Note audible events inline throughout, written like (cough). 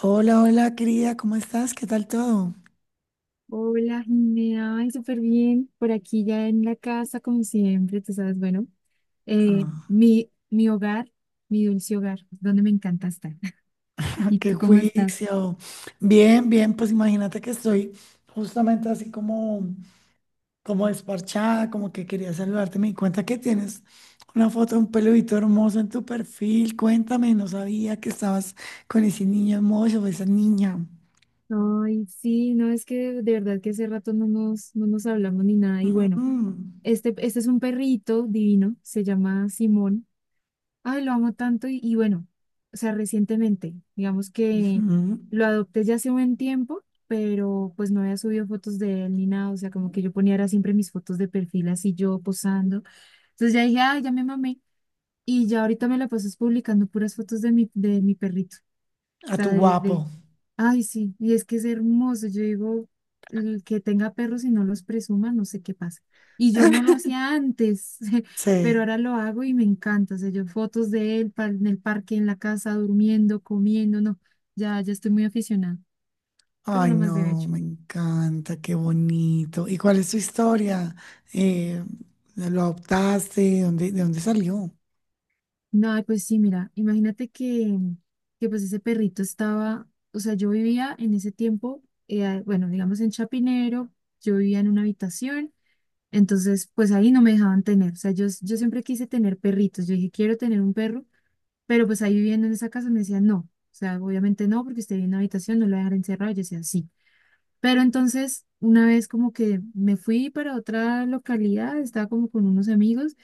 Hola, hola, querida, ¿cómo estás? ¿Qué tal todo? Hola, Jimena, ay, súper bien. Por aquí ya en la casa, como siempre, tú sabes, bueno, Ah, mi hogar, mi dulce hogar, donde me encanta estar. (laughs) (laughs) ¿Y qué tú cómo estás? juicio. Bien, bien, pues imagínate que estoy justamente así como desparchada, como que quería saludarte. Me di cuenta que tienes una foto de un peludito hermoso en tu perfil. Cuéntame, no sabía que estabas con ese niño hermoso, o esa niña. Ay, sí, no, es que de verdad que hace rato no nos hablamos ni nada. Y bueno, Mm, este es un perrito divino, se llama Simón. Ay, lo amo tanto y bueno, o sea, recientemente, digamos que ujú. lo adopté ya hace un buen tiempo, pero pues no había subido fotos de él ni nada, o sea, como que yo ponía era siempre mis fotos de perfil así yo posando. Entonces ya dije, ay, ya me mamé y ya ahorita me la pasas publicando puras fotos de mi perrito A sea, tu guapo. Ay, sí, y es que es hermoso. Yo digo, el que tenga perros y no los presuma, no sé qué pasa. Y yo no lo (laughs) hacía antes, (laughs) pero Sí. ahora lo hago y me encanta. O sea, yo fotos de él en el parque, en la casa, durmiendo, comiendo, no, ya estoy muy aficionada, pero Ay, lo más de no, hecho. me encanta, qué bonito. ¿Y cuál es tu historia? Eh, ¿Lo adoptaste? ¿De dónde salió? No, ay, pues sí, mira, imagínate que pues ese perrito estaba, o sea, yo vivía en ese tiempo, bueno, digamos en Chapinero, yo vivía en una habitación. Entonces, pues ahí no me dejaban tener. O sea, yo siempre quise tener perritos. Yo dije, quiero tener un perro, pero pues ahí viviendo en esa casa me decían, no. O sea, obviamente no, porque usted vive en una habitación, no lo voy a dejar encerrado. Yo decía, sí. Pero entonces, una vez como que me fui para otra localidad, estaba como con unos amigos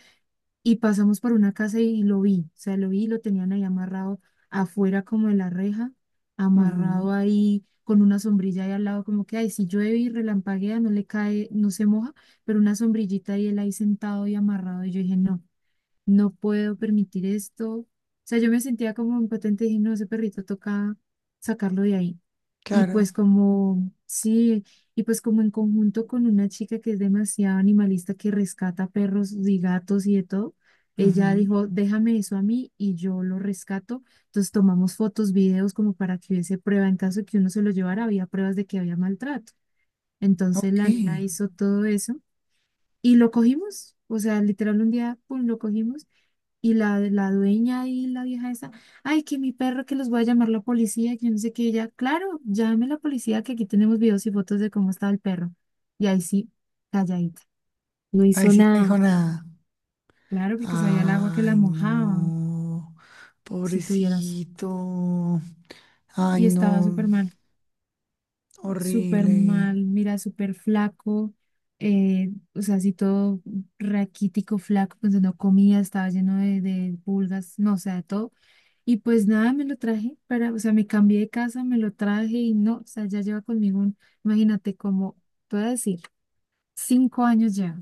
y pasamos por una casa y lo vi, o sea, lo vi, lo tenían ahí amarrado afuera como de la reja, Ujú, amarrado ahí con una sombrilla ahí al lado, como que, ay, si llueve y relampaguea, no le cae, no se moja, pero una sombrillita y él ahí sentado y amarrado, y yo dije, no, no puedo permitir esto. O sea, yo me sentía como impotente y dije, no, ese perrito toca sacarlo de ahí. Y pues claro. como, sí, y pues como en conjunto con una chica que es demasiado animalista, que rescata perros y gatos y de todo, ella Ujú. dijo, déjame eso a mí y yo lo rescato. Entonces tomamos fotos, videos como para que hubiese prueba. En caso de que uno se lo llevara, había pruebas de que había maltrato. Entonces Ok. la nena hizo todo eso y lo cogimos. O sea, literal un día, pum, lo cogimos y la dueña y la vieja esa, ay, que mi perro, que los voy a llamar la policía, que yo no sé qué, ella, claro, llame la policía, que aquí tenemos videos y fotos de cómo estaba el perro. Y ahí sí, calladita. No Ahí hizo sí no nada, dijo nada. claro, porque sabía el agua que la Ay, mojaba, no. si tuvieras. Pobrecito. Ay, Y estaba no. Súper Horrible. mal, mira, súper flaco, o sea, así todo raquítico, flaco, pues no comía, estaba lleno de pulgas, no, o sea, de todo. Y pues nada, me lo traje para, o sea, me cambié de casa, me lo traje y no, o sea, ya lleva conmigo un, imagínate como, te voy a decir, 5 años ya,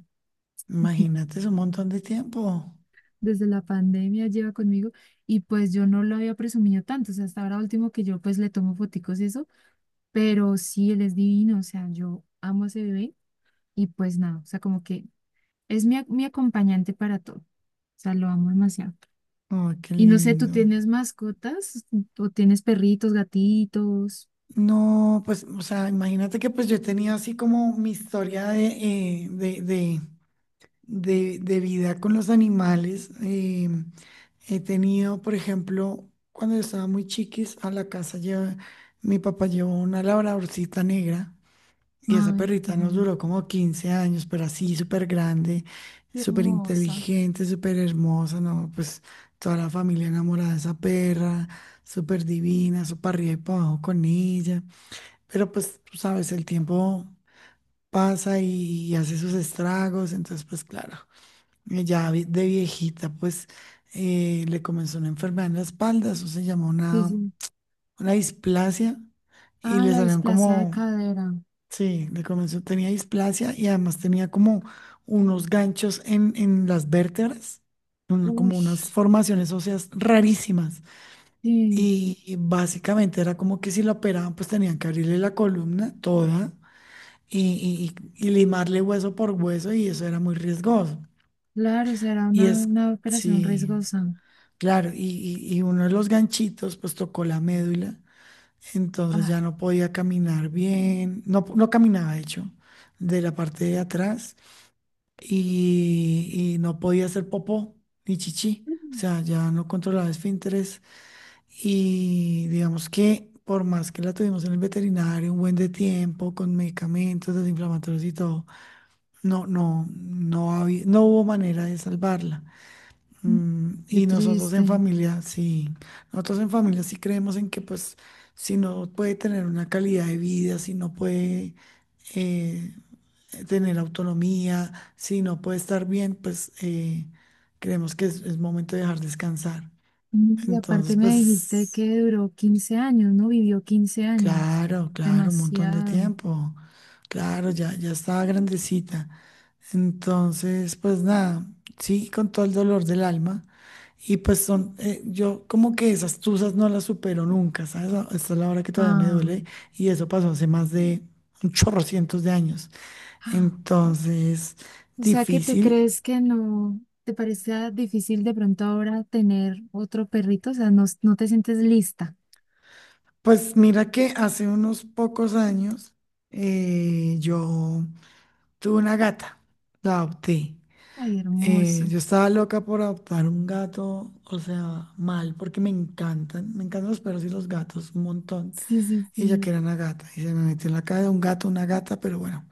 (laughs) Imagínate, es un montón de tiempo. desde la pandemia lleva conmigo y pues yo no lo había presumido tanto, o sea, hasta ahora último que yo pues le tomo foticos y eso, pero sí, él es divino, o sea, yo amo a ese bebé y pues nada, o sea, como que es mi acompañante para todo, o sea, lo amo demasiado. Ay, qué Y no sé, ¿tú lindo. tienes mascotas o tienes perritos, gatitos? No, pues, o sea, imagínate que pues yo he tenido así como mi historia eh, de, de, de vida con los animales. He tenido, por ejemplo, cuando yo estaba muy chiquis, a la casa lleva, mi papá llevó una labradorcita negra y esa Ay, perrita nos bueno. duró como 15 años, pero así súper grande, Qué súper hermosa. inteligente, súper hermosa, ¿no? Pues toda la familia enamorada de esa perra, súper divina, súper arriba y para abajo con ella. Pero pues tú sabes, el tiempo pasa y hace sus estragos, entonces pues claro, de viejita pues le comenzó una enfermedad en la espalda, eso se llamó Sí, una, sí. una displasia y Ah, le la salieron displasia de como, cadera. sí, le comenzó, tenía displasia y además tenía como unos ganchos en las vértebras, un- Uy, como unas formaciones óseas rarísimas. sí. Y básicamente era como que si la operaban, pues tenían que abrirle la columna toda y, y limarle hueso por hueso y eso era muy riesgoso. Claro, será Y es, una operación sí, riesgosa. claro, y, y uno de los ganchitos pues tocó la médula, entonces ya Ah, no podía caminar bien, no, no caminaba de hecho, de la parte de atrás y no podía hacer popó ni chichi, o sea, ya no controlaba esfínteres y digamos que. Por más que la tuvimos en el veterinario un buen de tiempo, con medicamentos desinflamatorios y todo, no, no, no había, no hubo manera de salvarla. mm, qué Y nosotros en triste. familia, sí, nosotros en familia sí creemos en que pues si no puede tener una calidad de vida, si no puede eh, tener autonomía, si no puede estar bien, pues creemos que es momento de dejar descansar. Y Entonces, aparte me dijiste pues, que duró 15 años, ¿no? Vivió 15 años. claro, claro, un montón de Demasiado. tiempo. Claro, ya estaba grandecita. Entonces, pues nada, sí, con todo el dolor del alma. Y pues yo como que esas tusas no las supero nunca, ¿sabes? A- esta es la hora que todavía me Ah, duele y eso pasó hace más de un chorro cientos de años. ah. Entonces, O sea que tú difícil. crees que no te parece difícil de pronto ahora tener otro perrito, o sea, no, no te sientes lista. Pues mira que hace unos pocos años yo tuve una gata, la adopté. Ay, hermosa. Yo estaba loca por adoptar un gato, o sea, mal, porque me encantan los perros y los gatos, un montón. Sí, sí, Ella sí. que era una gata, y se me metió en la cabeza un gato, una gata, pero bueno.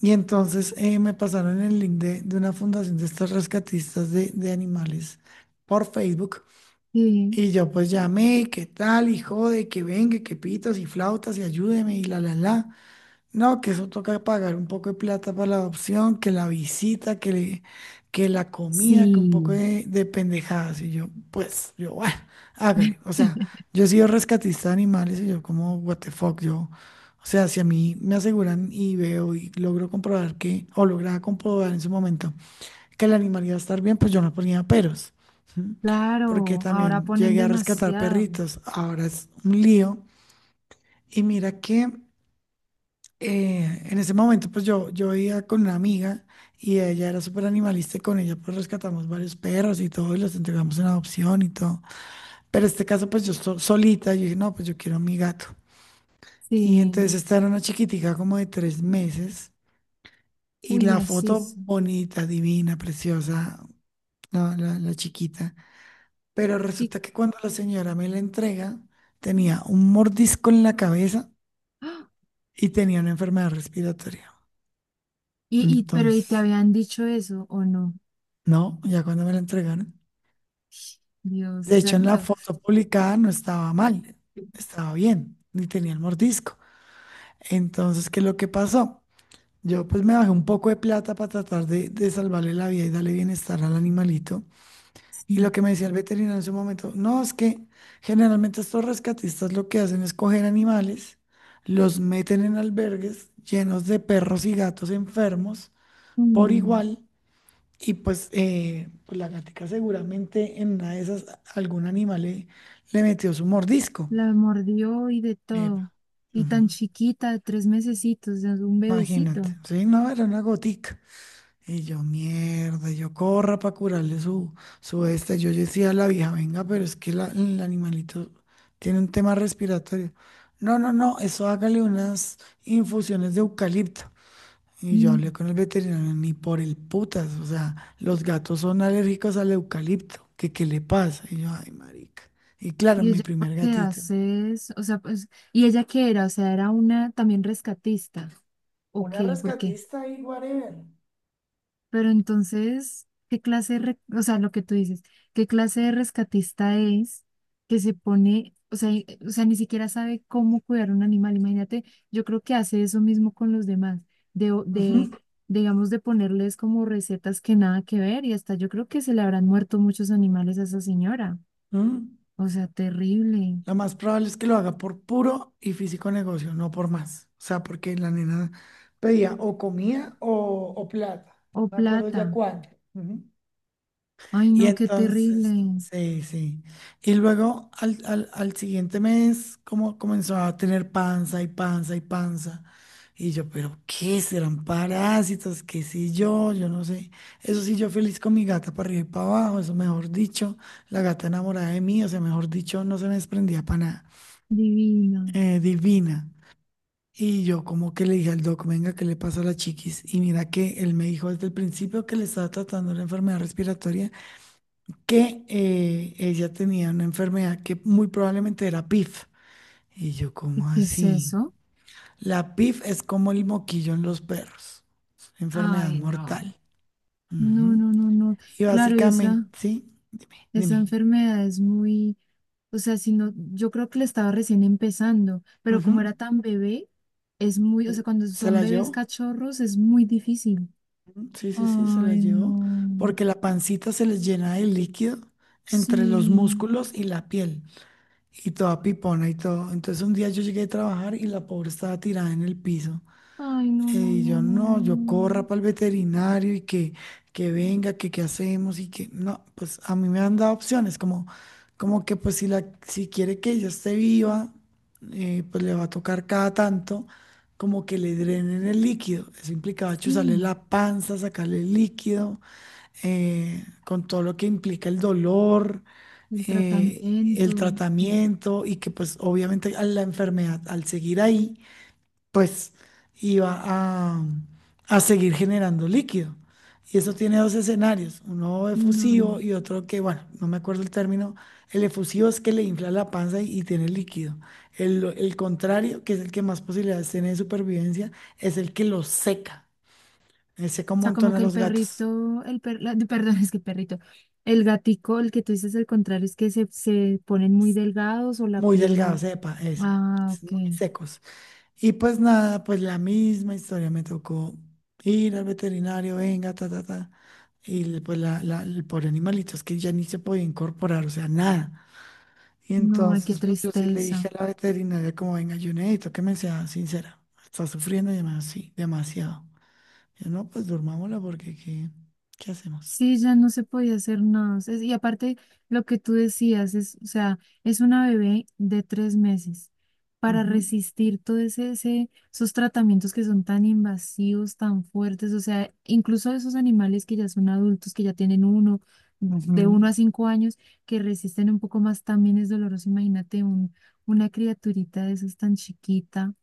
Y entonces me pasaron el link de una fundación de estos rescatistas de animales por Facebook. Sí, Y yo pues llamé, ¿qué tal? Y jode, que venga, que pitos y flautas y ayúdeme y la, la, la. No, que eso toca pagar un poco de plata para la adopción, que la visita, que la comida, que un poco sí. de pendejadas. Y yo, bueno, hágale. O sea, (laughs) yo he sido rescatista de animales y yo como, what the fuck, yo, o sea, si a mí me aseguran y veo y logro comprobar que, o lograba comprobar en su momento que el animal iba a estar bien, pues yo no ponía peros. ¿Sí? Porque Claro, ahora también ponen llegué a rescatar demasiado. perritos. Ahora es un lío. Y mira que en ese momento, pues yo iba con una amiga y ella era súper animalista y con ella pues rescatamos varios perros y todo y los entregamos en adopción y todo. Pero este caso, pues yo solita, yo dije, no, pues yo quiero a mi gato. Y entonces Sí, esta era una chiquitica como de 3 meses y uy, la así foto es. bonita, divina, preciosa, la chiquita. Pero Y, resulta que cuando la señora me la entrega, tenía un mordisco en la cabeza ¡ah! y tenía una enfermedad respiratoria. Pero ¿y te Entonces. habían dicho eso o no? No, ya cuando me la entregaron. Dios, De hecho, en la exacto. foto publicada no estaba mal, estaba bien, ni tenía el mordisco. Entonces, ¿qué es lo que pasó? Yo pues me bajé un poco de plata para tratar de salvarle la vida y darle bienestar al animalito. Y Sí. lo que me decía el veterinario en ese momento, no, es que generalmente estos rescatistas lo que hacen es coger animales, los meten en albergues llenos de perros y gatos enfermos por Mm, igual. Y pues, pues la gatica seguramente en una de esas algún animal le metió su mordisco. la mordió y de Epa. todo. Y Ujú. tan chiquita, de 3 mesecitos, o sea, es un Imagínate. bebecito. Sí, no, era una gotica. Y yo, mierda, yo corra para curarle su este. Yo decía a la vieja, venga, pero es que el animalito tiene un tema respiratorio. No, no, no, eso hágale unas infusiones de eucalipto. Y yo Mm. hablé con el veterinario, ni por el putas, o sea, los gatos son alérgicos al eucalipto, ¿que qué le pasa? Y yo, ay, marica. Y claro, Y mi ella, primer ¿por qué gatito. haces? O sea, pues, ¿y ella qué era? O sea, ¿era una también rescatista? ¿O Una qué? ¿Por qué? rescatista y whatever. Pero entonces, ¿qué clase de, re- o sea, lo que tú dices, qué clase de rescatista es que se pone, o sea, y- o sea, ni siquiera sabe cómo cuidar un animal? Imagínate, yo creo que hace eso mismo con los demás, de, o- Ujú, de, digamos, de ponerles como recetas que nada que ver y hasta yo creo que se le habrán muerto muchos animales a esa señora. ujú. O sea, terrible. Lo más probable es que lo haga por puro y físico negocio, no por más. O sea, porque la nena pedía o comida o plata. O No me acuerdo plata. ya cuánto. Ujú. Ay, Y no, qué entonces, terrible. sí, sí. Y luego al siguiente mes, como comenzó a tener panza y panza y panza. Y yo, pero ¿qué serán parásitos? ¿Qué sé yo? Yo no sé. Eso sí, yo feliz con mi gata para arriba y para abajo, eso mejor dicho, la gata enamorada de mí, o sea, mejor dicho, no se me desprendía para nada. Divino. Divina. Y yo como que le dije al doc, venga, ¿qué le pasa a la chiquis? Y mira que él me dijo desde el principio que le estaba tratando la enfermedad respiratoria que ella tenía una enfermedad que muy probablemente era PIF. Y yo, ¿Y ¿cómo qué es así? eso? La PIF es como el moquillo en los perros, es una enfermedad Ay, mortal. no. No, Ujú. no, no, no. Y Claro, y básicamente, esa, sí, esa dime. enfermedad es muy, o sea, si no, yo creo que le estaba recién empezando, pero Ujú. como era tan bebé, es muy, o sea, cuando Se son la bebés llevó, cachorros es muy difícil. sí, sí, sí, se la Ay, llevó, no. porque la pancita se les llena de líquido entre los Sí. músculos y la piel, y toda pipona y todo. Entonces un día yo llegué a trabajar y la pobre estaba tirada en el piso. Ay, no, no, Y no, yo no, no, yo corra no. para el veterinario y que, venga, que qué hacemos y que no, pues a mí me han dado opciones como, como que pues si, la, si quiere que ella esté viva, pues le va a tocar cada tanto como que le drenen el líquido. Eso implicaba chuzarle Sí, la panza, sacarle el líquido, con todo lo que implica el dolor, el tratamiento. el mm, tratamiento y que pues obviamente a la enfermedad al seguir ahí pues iba a seguir generando líquido. Y eso tiene dos escenarios, uno No. efusivo y otro que, bueno, no me acuerdo el término, el efusivo es que le infla la panza y tiene líquido. El contrario, que es el que más posibilidades tiene de supervivencia, es el que lo seca. Seca un Sea, como montón a que el los gatos, perrito, (laughs) perdón, es que perrito, el gatico, el que tú dices el contrario, es que se ponen muy delgados o la muy delgados, piel. sepa, eso, Ah, es ok. muy secos. Y pues nada, pues la misma historia, me tocó ir al veterinario, venga, ta, ta, ta. Pues el pobre animalito es que ya ni se podía incorporar, o sea, nada. Y No, ay, qué entonces pues yo sí le dije tristeza. a la veterinaria como, venga, yo necesito que me sea sincera, está sufriendo demasiado, sí, demasiado. Yo, no, pues durmámosla porque ¿qué, hacemos? Sí, ya no se podía hacer nada. Es- y aparte, lo que tú decías es, o sea, es una bebé de 3 meses. Para Ujú, resistir todo esos tratamientos que son tan invasivos, tan fuertes, o sea, incluso esos animales que ya son adultos, que ya tienen uno, de uno ujú. a cinco años, que resisten un poco más, también es doloroso. Imagínate un, una criaturita de esas tan chiquita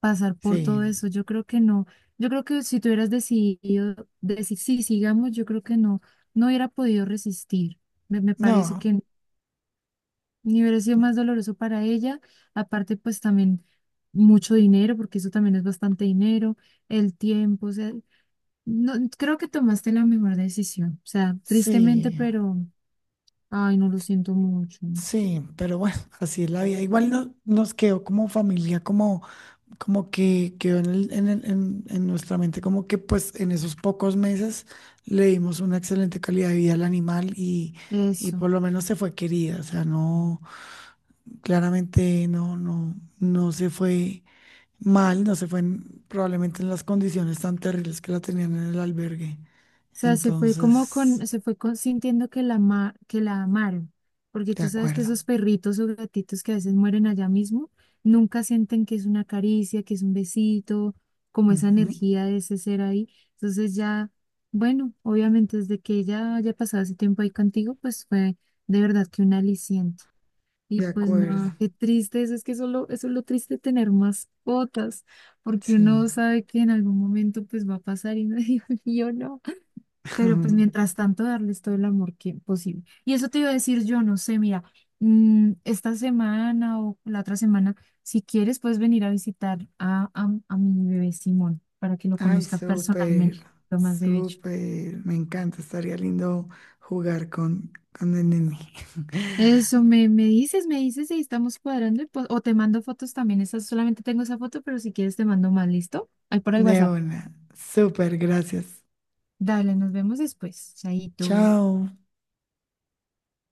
pasar por Sí, todo eso. Yo creo que no. Yo creo que si tú hubieras decidido decir sí, sigamos, yo creo que no, no hubiera podido resistir. Me parece no, que ni hubiera sido más doloroso para ella. Aparte, pues también mucho dinero, porque eso también es bastante dinero, el tiempo, o sea, no, creo que tomaste la mejor decisión. O sea, tristemente, sí. pero, ay, no lo siento mucho. Sí, pero bueno, así es la vida. Igual nos quedó como familia, como que quedó en nuestra mente, como que pues en esos pocos meses le dimos una excelente calidad de vida al animal y Eso. por lo menos se fue querida, o sea, no, claramente no, no, no se fue mal, no se fue probablemente en las condiciones tan terribles que la tenían en el albergue. Sea, se fue como Entonces, con, se fue con- sintiendo que la, ama- que la amaron, porque de tú sabes que acuerdo. esos perritos o gatitos que a veces mueren allá mismo, nunca sienten que es una caricia, que es un besito, como esa Ujú, energía de ese ser ahí. Entonces ya, bueno, obviamente desde que ella haya pasado ese tiempo ahí contigo, pues fue de verdad que un aliciente. Y de pues acuerdo, no, qué triste eso, es que solo, eso es lo triste de tener mascotas, porque sí. uno sabe que en algún momento pues va a pasar y uno (laughs) dice, yo no. Pero pues (laughs) mientras tanto, darles todo el amor que posible. Y eso te iba a decir yo, no sé, mira, esta semana o la otra semana, si quieres, puedes venir a visitar a, mi bebé Simón para que lo Ay, conozca súper, personalmente, lo más de hecho. súper. Me encanta. Estaría lindo jugar con el nene. Eso me dices y estamos cuadrando y pues- o te mando fotos también. Esa, solamente tengo esa foto, pero si quieres te mando más, ¿listo? Ahí (laughs) por el De WhatsApp. una. Súper, gracias. Dale, nos vemos después. Chaito. Chao.